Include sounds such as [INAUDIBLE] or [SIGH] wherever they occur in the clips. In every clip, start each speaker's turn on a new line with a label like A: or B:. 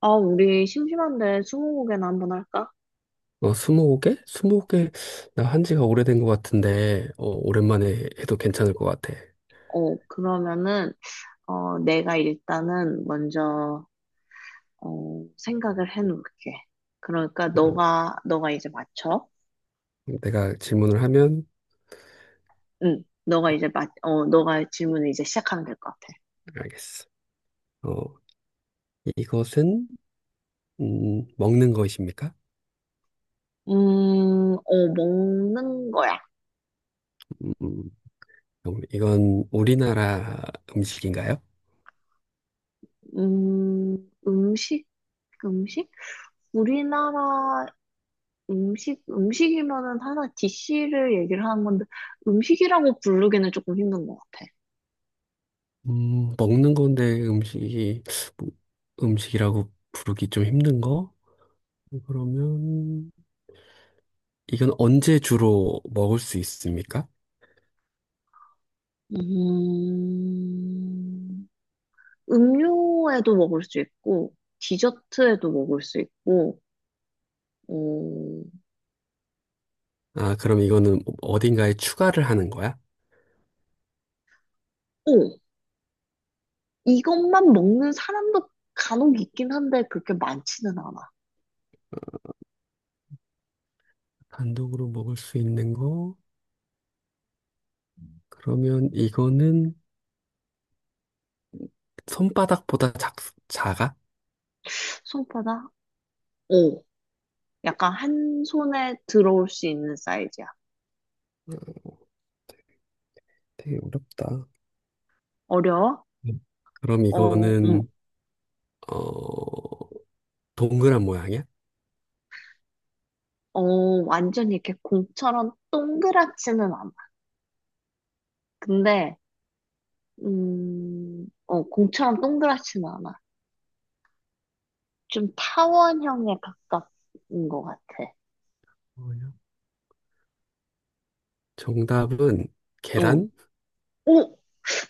A: 아, 우리 심심한데 스무고개나 한번 할까?
B: 스무 개? 나 한 지가 오래된 것 같은데, 오랜만에 해도 괜찮을 것 같아.
A: 그러면은, 내가 일단은 먼저, 생각을 해놓을게. 그러니까
B: 음,
A: 너가 이제 맞춰?
B: 내가 질문을 하면,
A: 응, 너가 질문을 이제 시작하면 될 것 같아.
B: 알겠어. 어, 이것은, 먹는 것입니까?
A: 음, 먹는 거야.
B: 음, 그럼 이건 우리나라 음식인가요?
A: 음, 음식, 음식? 우리나라 음식, 음식이면은 하나 디 c 를 얘기를 하는 건데, 음식이라고 부르기는 조금 힘든 것 같아.
B: 먹는 건데 음식이, 뭐, 음식이라고 부르기 좀 힘든 거? 그러면, 이건 언제 주로 먹을 수 있습니까?
A: 음, 음료에도 먹을 수 있고, 디저트에도 먹을 수 있고, 어, 오,
B: 아, 그럼 이거는 어딘가에 추가를 하는 거야?
A: 이것만 먹는 사람도 간혹 있긴 한데, 그렇게 많지는 않아.
B: 단독으로 먹을 수 있는 거? 그러면 이거는 손바닥보다 작아?
A: 손바닥? 오, 약간 한 손에 들어올 수 있는 사이즈야.
B: 어, 되게 어렵다.
A: 어려워?
B: 음. 그럼
A: 어, 음,
B: 이거는, 어, 동그란 모양이야?
A: 어, 완전히 이렇게 공처럼 동그랗지는 않아. 근데, 공처럼 동그랗지는 않아. 좀 타원형에 가깝은 것 같아.
B: 뭐야? 정답은
A: 어.
B: 계란?
A: 어,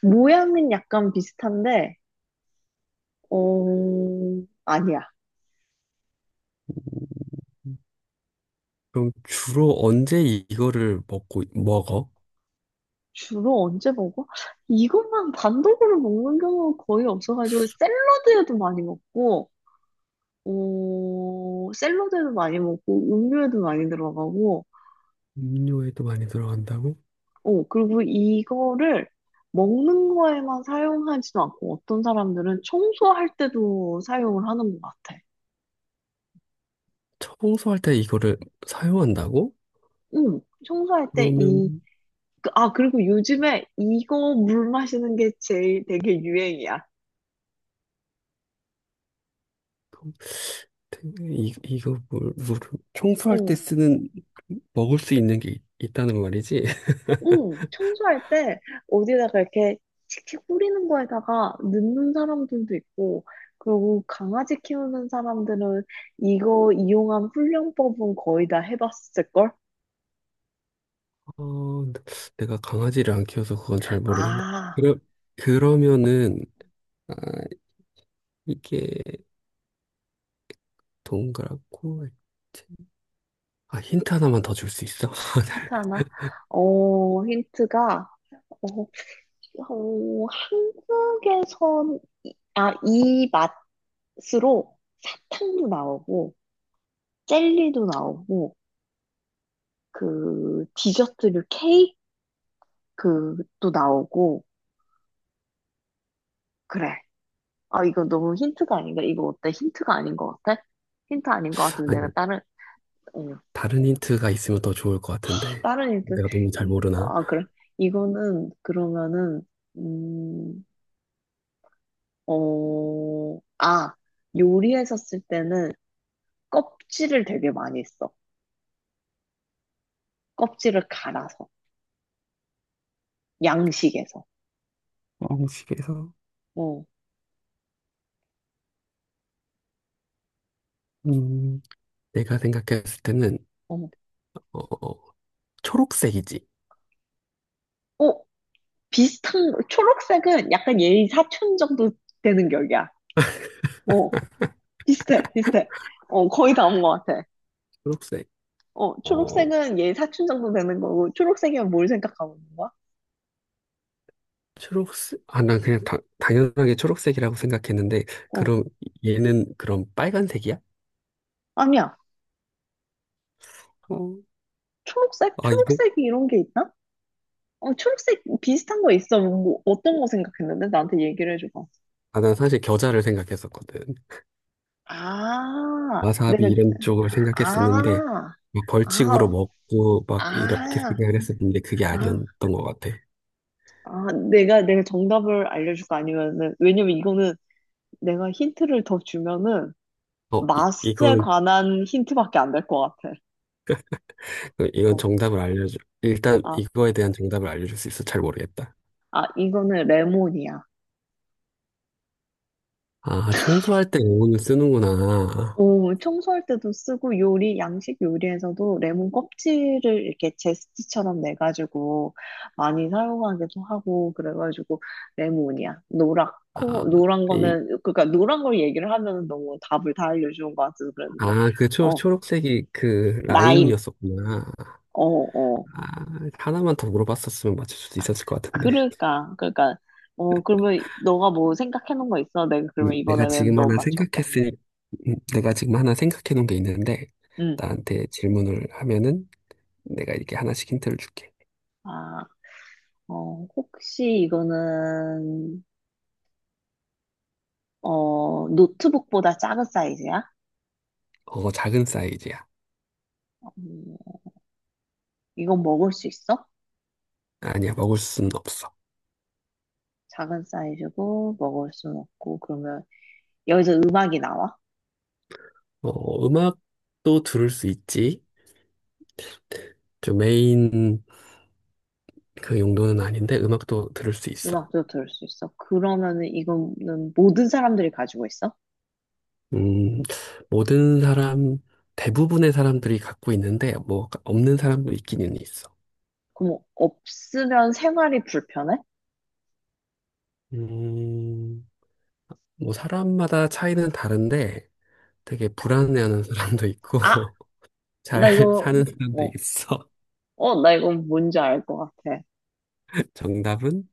A: 모양은 약간 비슷한데, 어, 아니야.
B: 그럼 주로 언제 이거를 먹고, 먹어?
A: 주로 언제 먹어? 이것만 단독으로 먹는 경우가 거의 없어가지고, 샐러드에도 많이 먹고, 음료에도 많이 들어가고,
B: 음료에도 많이 들어간다고?
A: 그리고 이거를 먹는 거에만 사용하지도 않고, 어떤 사람들은 청소할 때도 사용을 하는 것 같아.
B: 청소할 때 이거를 사용한다고?
A: 응,
B: 그러면,
A: 아, 그리고 요즘에 이거 물 마시는 게 제일 되게 유행이야.
B: 통- 이거 물, 청소할 때
A: 어,
B: 쓰는, 먹을 수 있는 게 있다는 말이지?
A: 응. 청소할 때 어디다가 이렇게 칙칙 뿌리는 거에다가 넣는 사람들도 있고, 그리고 강아지 키우는 사람들은 이거 이용한 훈련법은 거의 다 해봤을걸?
B: 어, 내가 강아지를 안 키워서 그건 잘 모르겠네.
A: 아,
B: 그러, 그러면은, 아, 이게 동그랗고, 알지? 아, 힌트 하나만 더 줄 수 있어?
A: 힌트
B: [LAUGHS]
A: 하나? 어, 힌트가, 어, 한국에선, 아, 이 맛으로 사탕도 나오고, 젤리도 나오고, 그 디저트류 케이크도 나오고 그래. 아, 이거 너무 힌트가 아닌가? 이거 어때? 힌트가 아닌 것 같아? 힌트 아닌 것 같으면 내가
B: 아니,
A: 어,
B: 다른 힌트가 있으면 더 좋을 것 같은데.
A: 다른 힌트
B: 내가 너무 잘
A: 이-
B: 모르나?
A: 아 그래. 이거는 그러면은 음, 아, 요리했었을 때는 껍질을 되게 많이 써. 껍질을 갈아서 양식에서.
B: 음식에서
A: 어,
B: 음, 내가 생각했을 때는,
A: 어,
B: 어, 어, 초록색이지.
A: 어 초록색은 약간 얘의 사촌 정도 되는 격이야. 어. 비슷해, 비슷해. 거의 다 온 것 같아.
B: 초록색. 어,
A: 초록색은 얘 사춘 정도 되는 거고, 초록색이면 뭘 생각하고 있는 거야?
B: 초록색? 아, 난 그냥 당연하게 초록색이라고 생각했는데,
A: 어,
B: 그럼 얘는 그럼 빨간색이야?
A: 아니야.
B: 어,
A: 초록색?
B: 아,
A: 초록색 이런 이게 있나? 초록색 비슷한 거 있어. 뭐 어떤 거 생각했는데? 나한테 얘기를 해줘봐.
B: 난 사실 겨자를 생각했었거든.
A: 아,
B: 와사비
A: 내가,
B: 이런 쪽을 생각했었는데,
A: 아,
B: 막 벌칙으로
A: 아,
B: 먹고 막 이렇게
A: 아,
B: 생각을 했었는데, 그게
A: 아,
B: 아니었던 것 같아.
A: 내가 정답을 알려줄까? 아니면은, 왜냐면 이거는 내가 힌트를 더 주면은, 맛에
B: 이건,
A: 관한 힌트밖에 안 될 것 같아.
B: 그, 이건
A: 어.
B: 정답을 알려줘. 일단
A: 아,
B: 이거에 대한 정답을 알려줄 수 있어? 잘 모르겠다.
A: 이거는 레몬이야.
B: 아, 청소할 때 영혼을 쓰는구나.
A: 오, 청소할 때도 쓰고 요리, 양식 요리에서도 레몬 껍질을 이렇게 제스트처럼 내가지고 많이 사용하기도 하고 그래가지고 레몬이야.
B: 아,
A: 노랗고 노란
B: 이,
A: 거는 그러니까 노란 걸 얘기를 하면 너무 답을 다 알려주는 것 같아서 그랬는데
B: 아, 그
A: 어,
B: 초록색이 그
A: 라임.
B: 라임이었었구나.
A: 어. 어.
B: 아, 하나만 더 물어봤었으면 맞출 수도 있었을 것 같은데.
A: 그러니까 그러면 너가 뭐 생각해 놓은 거 있어? 내가
B: 음,
A: 그러면
B: 내가
A: 이번에는
B: 지금
A: 너
B: 하나
A: 맞춰볼게.
B: 생각했을, 내가 지금 하나 생각해 놓은 게 있는데,
A: 응.
B: 나한테 질문을 하면은 내가 이렇게 하나씩 힌트를 줄게.
A: 아, 혹시 이거는 노트북보다 작은 사이즈야?
B: 어, 작은 사이즈야.
A: 음, 이건 먹을 수 있어?
B: 아니야, 먹을 수는 없어.
A: 작은 사이즈고, 먹을 순 없고, 그러면 여기서 음악이 나와?
B: 어, 음악도 들을 수 있지. 좀 메인 그 용도는 아닌데, 음악도 들을 수 있어.
A: 음악도 들을 수 있어? 그러면은 이거는 모든 사람들이 가지고 있어?
B: 음, 모든 사람, 대부분의 사람들이 갖고 있는데, 뭐, 없는 사람도 있기는 있어.
A: 그럼 없으면 생활이 불편해?
B: 음, 뭐, 사람마다 차이는 다른데, 되게 불안해하는 사람도
A: 아,
B: 있고 [LAUGHS] 잘
A: 나 이거,
B: 사는 사람도
A: 뭐,
B: 있어.
A: 나 이거 뭔지 알 것 같아.
B: [LAUGHS] 정답은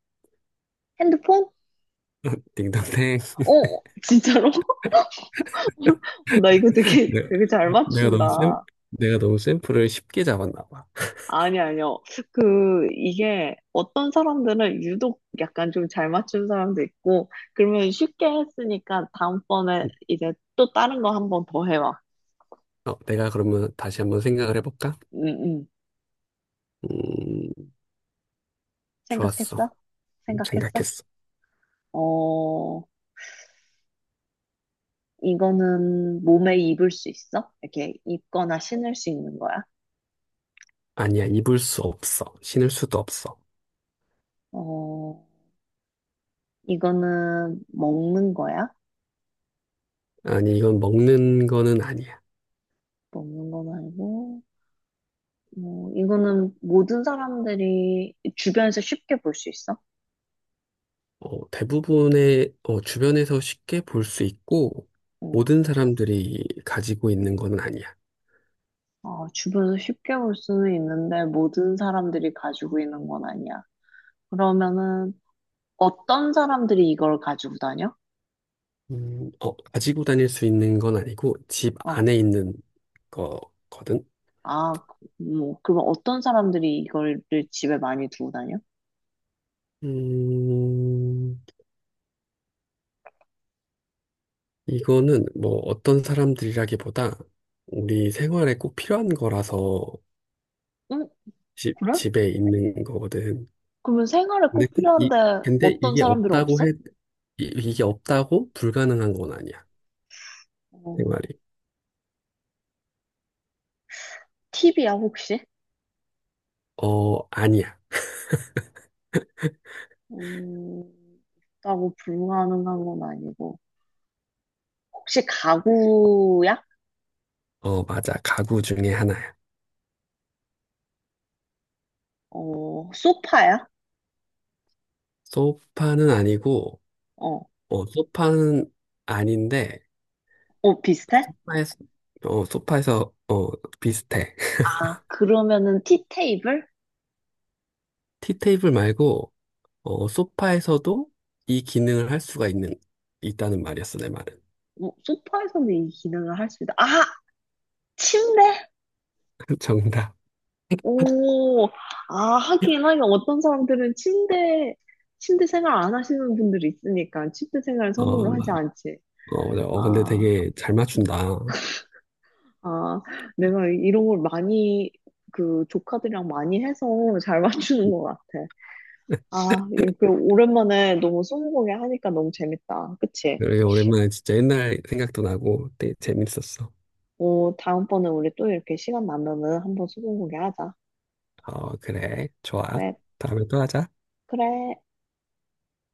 A: 핸드폰?
B: 딩동댕. [LAUGHS]
A: 어, 진짜로? [LAUGHS] 나 이거 되게,
B: 내-
A: 되게 잘
B: 내가 너무 샘,
A: 맞춘다.
B: 내가 너무 샘플을 쉽게 잡았나 봐.
A: 아니, 아니요. 그, 이게 어떤 사람들은 유독 약간 좀 잘 맞춘 사람도 있고, 그러면 쉽게 했으니까 다음번에
B: 음,
A: 이제 또 다른 거 한번 더 해봐.
B: 내가 그러면 다시 한번 생각을 해볼까?
A: 응, 응.
B: 음, 좋았어.
A: 생각했어? 생각했어?
B: 생각했어.
A: 어, 이거는 몸에 입을 수 있어? 이렇게 입거나 신을 수 있는 거야?
B: 아니야, 입을 수 없어. 신을 수도 없어.
A: 어, 이거는 먹는 거야?
B: 아니, 이건 먹는 거는 아니야.
A: 먹는 건 아니고, 뭐, 이거는 모든 사람들이 주변에서 쉽게 볼 수 있어?
B: 어, 대부분의 주변에서 쉽게 볼 수 있고
A: 응.
B: 모든 사람들이 가지고 있는 거는 아니야.
A: 주변에서 쉽게 볼 수는 있는데 모든 사람들이 가지고 있는 건 아니야. 그러면은 어떤 사람들이 이걸 가지고 다녀?
B: 가지고 다닐 수 있는 건 아니고 집
A: 어,
B: 안에 있는 거거든.
A: 아, 뭐, 그러면 어떤 사람들이 이걸 집에 많이 두고 다녀?
B: 음, 이거는 뭐 어떤 사람들이라기보다 우리 생활에 꼭 필요한 거라서
A: 응, 그래?
B: 집에 있는 거거든.
A: 그러면 생활에
B: 근데
A: 꼭
B: 꼭 이,
A: 필요한데
B: 근데
A: 어떤
B: 이게
A: 사람들은
B: 없다고
A: 없어?
B: 해, 이게 없다고 불가능한 건 아니야.
A: 어,
B: 생활이.
A: 팁이야, 혹시?
B: 어, 아니야.
A: 음, 없다고 불가능한 건 아니고. 혹시 가구야?
B: 어, 맞아. 가구 중에 하나야.
A: 소파야?
B: 소파는 아니고,
A: 어,
B: 어, 소파는 아닌데,
A: 비슷해?
B: 에서 어, 소파에서, 비슷해. [LAUGHS]
A: 아, 그러면은 티테이블?
B: 티테이블 말고, 어, 소파에서도 이 기능을 할 수가 있다는 말이었어, 내 말은.
A: 소파에서도 이 기능을 할 수 있다. 아, 침대?
B: [LAUGHS] 정답.
A: 오, 아, 하긴, 하긴, 어떤 사람들은 침대 생활 안 하시는 분들이 있으니까, 침대 생활 선호를
B: 어,
A: 하지
B: 막,
A: 않지.
B: 어, 맞아. 어, 근데
A: 아,
B: 되게 잘
A: 음.
B: 맞춘다.
A: 아, 내가 이런 걸 많이, 그, 조카들이랑 많이 해서 잘 맞추는 것 같아.
B: [LAUGHS]
A: 아, 이렇게 오랜만에 너무 스무고개 하니까 너무 재밌다. 그치?
B: 그래, 오랜만에 진짜 옛날 생각도 나고 되게 재밌었어.
A: 다음번에 우리 또 이렇게 시간 나면은 한번 스무고개 하자.
B: 어, 그래. 좋아.
A: 그래,
B: 다음에 또 하자.
A: 그래.